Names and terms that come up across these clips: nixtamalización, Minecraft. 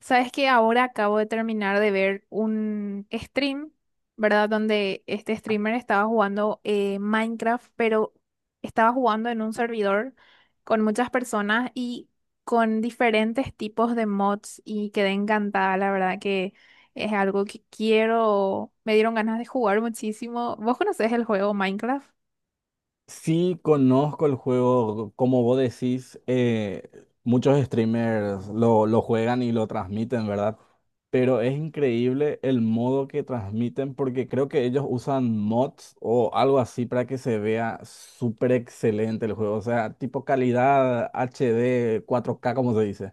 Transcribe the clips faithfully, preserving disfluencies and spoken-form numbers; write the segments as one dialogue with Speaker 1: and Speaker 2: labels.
Speaker 1: Sabes que ahora acabo de terminar de ver un stream, ¿verdad? Donde este streamer estaba jugando eh, Minecraft, pero estaba jugando en un servidor con muchas personas y con diferentes tipos de mods y quedé encantada, la verdad que es algo que quiero, me dieron ganas de jugar muchísimo. ¿Vos conocés el juego Minecraft?
Speaker 2: Sí, conozco el juego, como vos decís, eh, muchos streamers lo, lo juegan y lo transmiten, ¿verdad? Pero es increíble el modo que transmiten porque creo que ellos usan mods o algo así para que se vea súper excelente el juego, o sea, tipo calidad H D, cuatro k como se dice.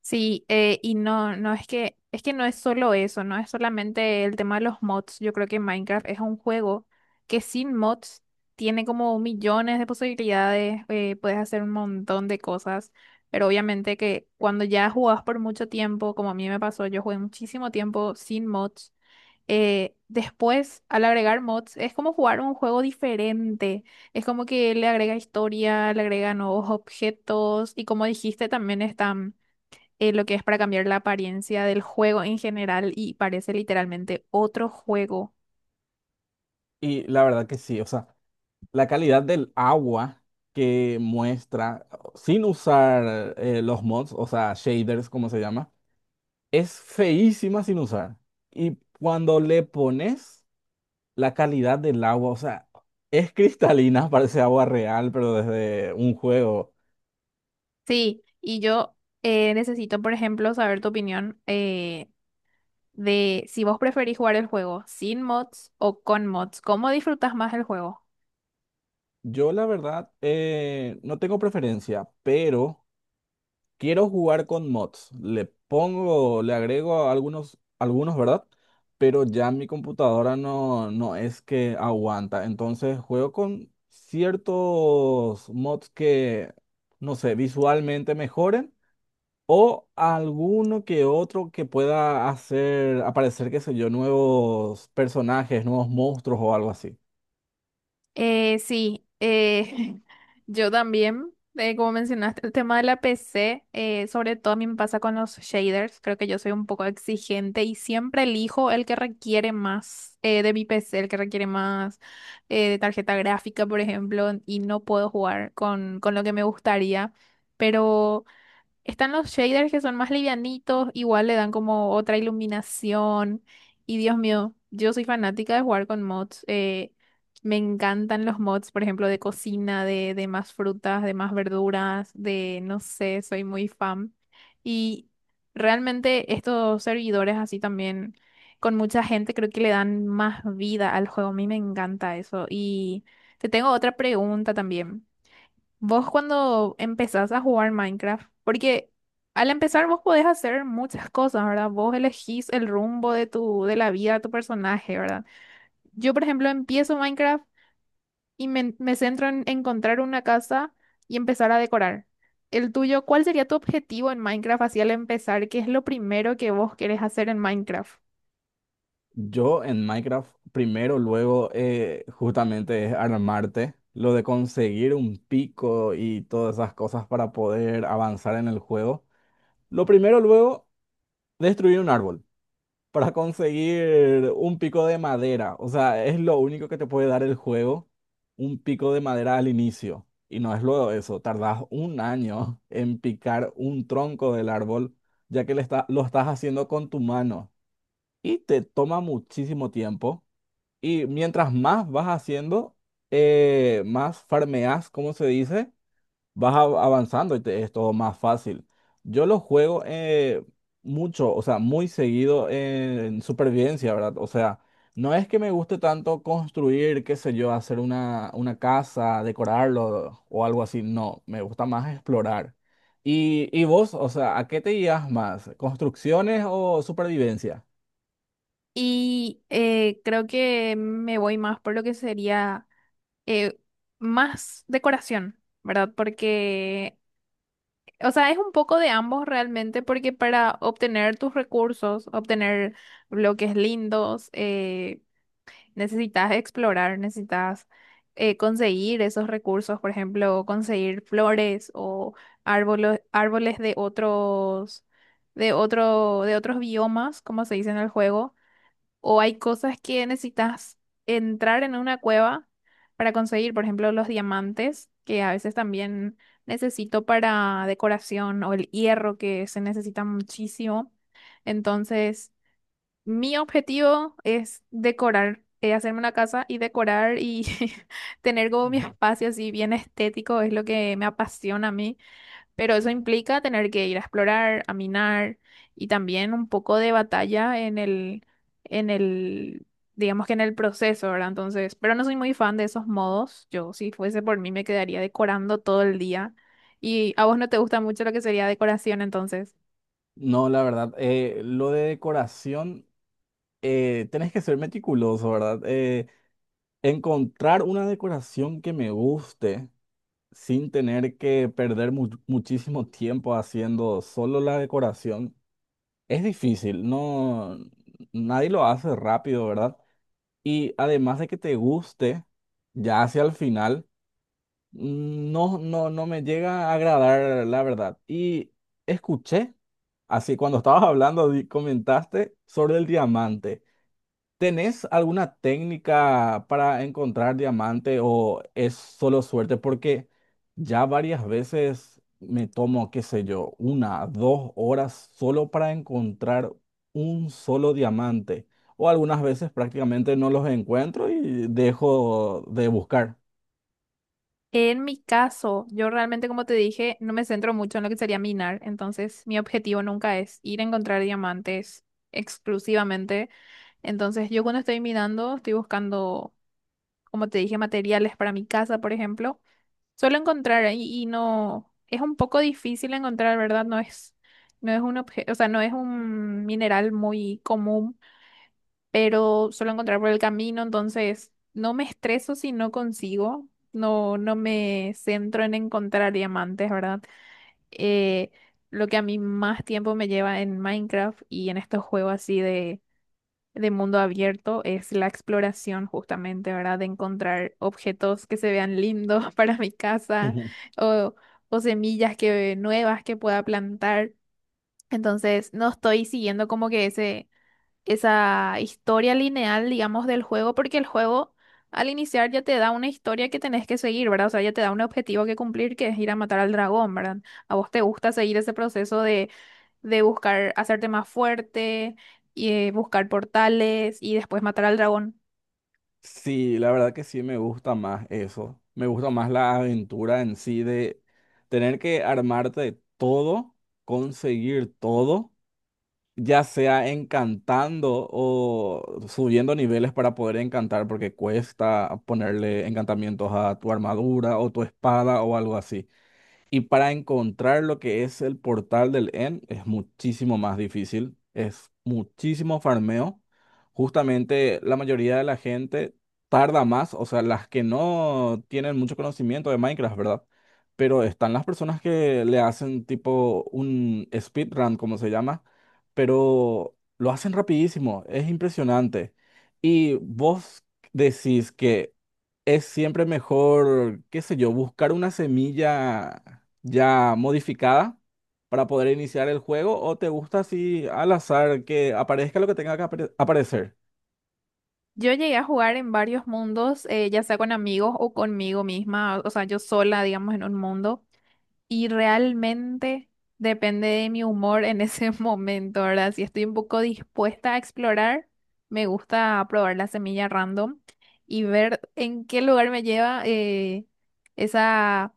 Speaker 1: Sí, eh, y no, no es que, es que no es solo eso, no es solamente el tema de los mods. Yo creo que Minecraft es un juego que sin mods tiene como millones de posibilidades, eh, puedes hacer un montón de cosas, pero obviamente que cuando ya jugás por mucho tiempo, como a mí me pasó, yo jugué muchísimo tiempo sin mods. Eh, después, al agregar mods, es como jugar un juego diferente. Es como que le agrega historia, le agrega nuevos objetos y como dijiste, también están, eh, lo que es para cambiar la apariencia del juego en general, y parece literalmente otro juego.
Speaker 2: Y la verdad que sí, o sea, la calidad del agua que muestra, sin usar eh, los mods, o sea, shaders, como se llama. Es feísima sin usar. Y cuando le pones la calidad del agua, o sea, es cristalina, parece agua real, pero desde un juego.
Speaker 1: Sí, y yo, eh, necesito, por ejemplo, saber tu opinión, eh, de si vos preferís jugar el juego sin mods o con mods. ¿Cómo disfrutás más el juego?
Speaker 2: Yo la verdad eh, no tengo preferencia, pero quiero jugar con mods. Le pongo, le agrego algunos, algunos, ¿verdad? Pero ya mi computadora no, no es que aguanta. Entonces juego con ciertos mods que, no sé, visualmente mejoren. O alguno que otro que pueda hacer aparecer, qué sé yo, nuevos personajes, nuevos monstruos o algo así.
Speaker 1: Eh, sí, eh, yo también, eh, como mencionaste, el tema de la P C, eh, sobre todo a mí me pasa con los shaders, creo que yo soy un poco exigente y siempre elijo el que requiere más, eh, de mi P C, el que requiere más, eh, de tarjeta gráfica, por ejemplo, y no puedo jugar con, con lo que me gustaría. Están los shaders que son más livianitos, igual le dan como otra iluminación. Y Dios mío, yo soy fanática de jugar con mods. Eh, me encantan los mods, por ejemplo, de cocina, de, de más frutas, de más verduras, de no sé, soy muy fan. Y realmente estos servidores así también, con mucha gente, creo que le dan más vida al juego. A mí me encanta eso. Y te tengo otra pregunta también. Vos cuando empezás a jugar Minecraft, porque al empezar vos podés hacer muchas cosas, ¿verdad? Vos elegís el rumbo de tu, de la vida de tu personaje, ¿verdad? Yo, por ejemplo, empiezo Minecraft y me, me centro en encontrar una casa y empezar a decorar. El tuyo, ¿cuál sería tu objetivo en Minecraft así al empezar? ¿Qué es lo primero que vos querés hacer en Minecraft?
Speaker 2: Yo en Minecraft primero, luego eh, justamente es armarte, lo de conseguir un pico y todas esas cosas para poder avanzar en el juego. Lo primero, luego, destruir un árbol, para conseguir un pico de madera. O sea, es lo único que te puede dar el juego, un pico de madera al inicio. Y no es luego eso, tardas un año en picar un tronco del árbol, ya que le está- lo estás haciendo con tu mano. Y te toma muchísimo tiempo. Y mientras más vas haciendo, eh, más farmeas, como se dice, vas av- avanzando y te es todo más fácil. Yo lo juego eh, mucho, o sea, muy seguido en supervivencia, ¿verdad? O sea, no es que me guste tanto construir, qué sé yo, hacer una, una casa, decorarlo o algo así, no, me gusta más explorar. Y, y vos, o sea, ¿a qué te guías más? ¿Construcciones o supervivencia?
Speaker 1: Y eh, creo que me voy más por lo que sería, eh, más decoración, ¿verdad? Porque, o sea, es un poco de ambos realmente, porque para obtener tus recursos, obtener bloques lindos, eh, necesitas explorar, necesitas, eh, conseguir esos recursos, por ejemplo, conseguir flores o árboles, árboles de otros, de otro, de otros biomas, como se dice en el juego, o hay cosas que necesitas entrar en una cueva para conseguir, por ejemplo, los diamantes, que a veces también necesito para decoración, o el hierro, que se necesita muchísimo. Entonces, mi objetivo es decorar, eh, hacerme una casa y decorar y tener como mi espacio así bien estético, es lo que me apasiona a mí. Pero eso implica tener que ir a explorar, a minar, y también un poco de batalla en el, en el, digamos que en el proceso, ¿verdad? Entonces, pero no soy muy fan de esos modos. Yo, si fuese por mí, me quedaría decorando todo el día. Y a vos no te gusta mucho lo que sería decoración, entonces.
Speaker 2: No, la verdad, eh, lo de decoración, eh, tenés que ser meticuloso, ¿verdad? Eh, Encontrar una decoración que me guste sin tener que perder mu- muchísimo tiempo haciendo solo la decoración es difícil, no, nadie lo hace rápido, ¿verdad? Y además de que te guste, ya hacia el final, no, no, no me llega a agradar, la verdad. Y escuché, así cuando estabas hablando, di- comentaste sobre el diamante. ¿Tenés alguna técnica para encontrar diamante o es solo suerte? Porque ya varias veces me tomo, qué sé yo, una, dos horas solo para encontrar un solo diamante. O algunas veces prácticamente no los encuentro y dejo de buscar.
Speaker 1: En mi caso, yo realmente, como te dije, no me centro mucho en lo que sería minar. Entonces, mi objetivo nunca es ir a encontrar diamantes exclusivamente. Entonces, yo cuando estoy minando, estoy buscando, como te dije, materiales para mi casa, por ejemplo, suelo encontrar ahí y no, es un poco difícil encontrar, ¿verdad? No es, no es un objeto, o sea, no es un mineral muy común, pero suelo encontrar por el camino, entonces no me estreso si no consigo, no, no me centro en encontrar diamantes, ¿verdad? Eh, lo que a mí más tiempo me lleva en Minecraft y en estos juegos así de de mundo abierto es la exploración justamente, ¿verdad? De encontrar objetos que se vean lindos para mi casa
Speaker 2: Ujú.
Speaker 1: o, o semillas que, nuevas que pueda plantar. Entonces, no estoy siguiendo como que ese, esa historia lineal, digamos, del juego, porque el juego al iniciar ya te da una historia que tenés que seguir, ¿verdad? O sea, ya te da un objetivo que cumplir, que es ir a matar al dragón, ¿verdad? ¿A vos te gusta seguir ese proceso de de buscar hacerte más fuerte y eh, buscar portales y después matar al dragón?
Speaker 2: Sí, la verdad que sí me gusta más eso. Me gusta más la aventura en sí de tener que armarte todo, conseguir todo, ya sea encantando o subiendo niveles para poder encantar, porque cuesta ponerle encantamientos a tu armadura o tu espada o algo así. Y para encontrar lo que es el portal del end es muchísimo más difícil, es muchísimo farmeo. Justamente la mayoría de la gente tarda más, o sea, las que no tienen mucho conocimiento de Minecraft, ¿verdad? Pero están las personas que le hacen tipo un speedrun, como se llama, pero lo hacen rapidísimo, es impresionante. Y vos decís que es siempre mejor, qué sé yo, buscar una semilla ya modificada para poder iniciar el juego, o te gusta así al azar que aparezca lo que tenga que apare- aparecer?
Speaker 1: Yo llegué a jugar en varios mundos, eh, ya sea con amigos o conmigo misma, o sea, yo sola, digamos, en un mundo. Y realmente depende de mi humor en ese momento, ¿verdad? Si estoy un poco dispuesta a explorar, me gusta probar la semilla random y ver en qué lugar me lleva, eh, esa,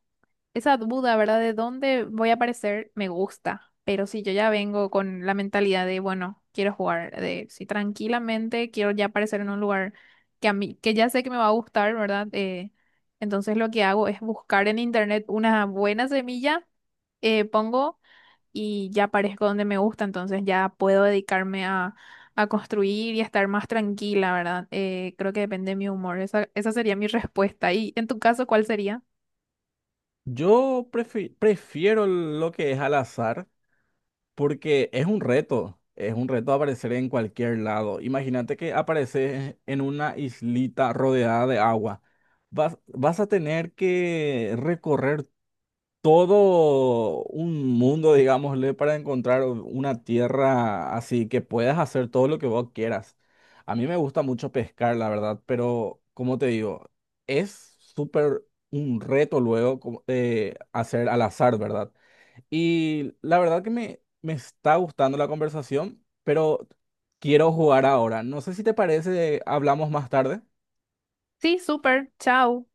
Speaker 1: esa duda, ¿verdad? De dónde voy a aparecer, me gusta. Pero si yo ya vengo con la mentalidad de, bueno, quiero jugar, de si tranquilamente quiero ya aparecer en un lugar que a mí, que ya sé que me va a gustar, ¿verdad? Eh, entonces lo que hago es buscar en internet una buena semilla, eh, pongo y ya aparezco donde me gusta, entonces ya puedo dedicarme a, a construir y a estar más tranquila, ¿verdad? Eh, creo que depende de mi humor. Esa, esa sería mi respuesta. ¿Y en tu caso, cuál sería?
Speaker 2: Yo prefi- prefiero lo que es al azar porque es un reto, es un reto aparecer en cualquier lado. Imagínate que apareces en una islita rodeada de agua. Vas, vas a tener que recorrer todo un mundo, digámosle, para encontrar una tierra así que puedas hacer todo lo que vos quieras. A mí me gusta mucho pescar, la verdad, pero como te digo, es súper un reto luego como, eh, hacer al azar, ¿verdad? Y la verdad que me, me está gustando la conversación, pero quiero jugar ahora. No sé si te parece, hablamos más tarde.
Speaker 1: Sí, súper, chao.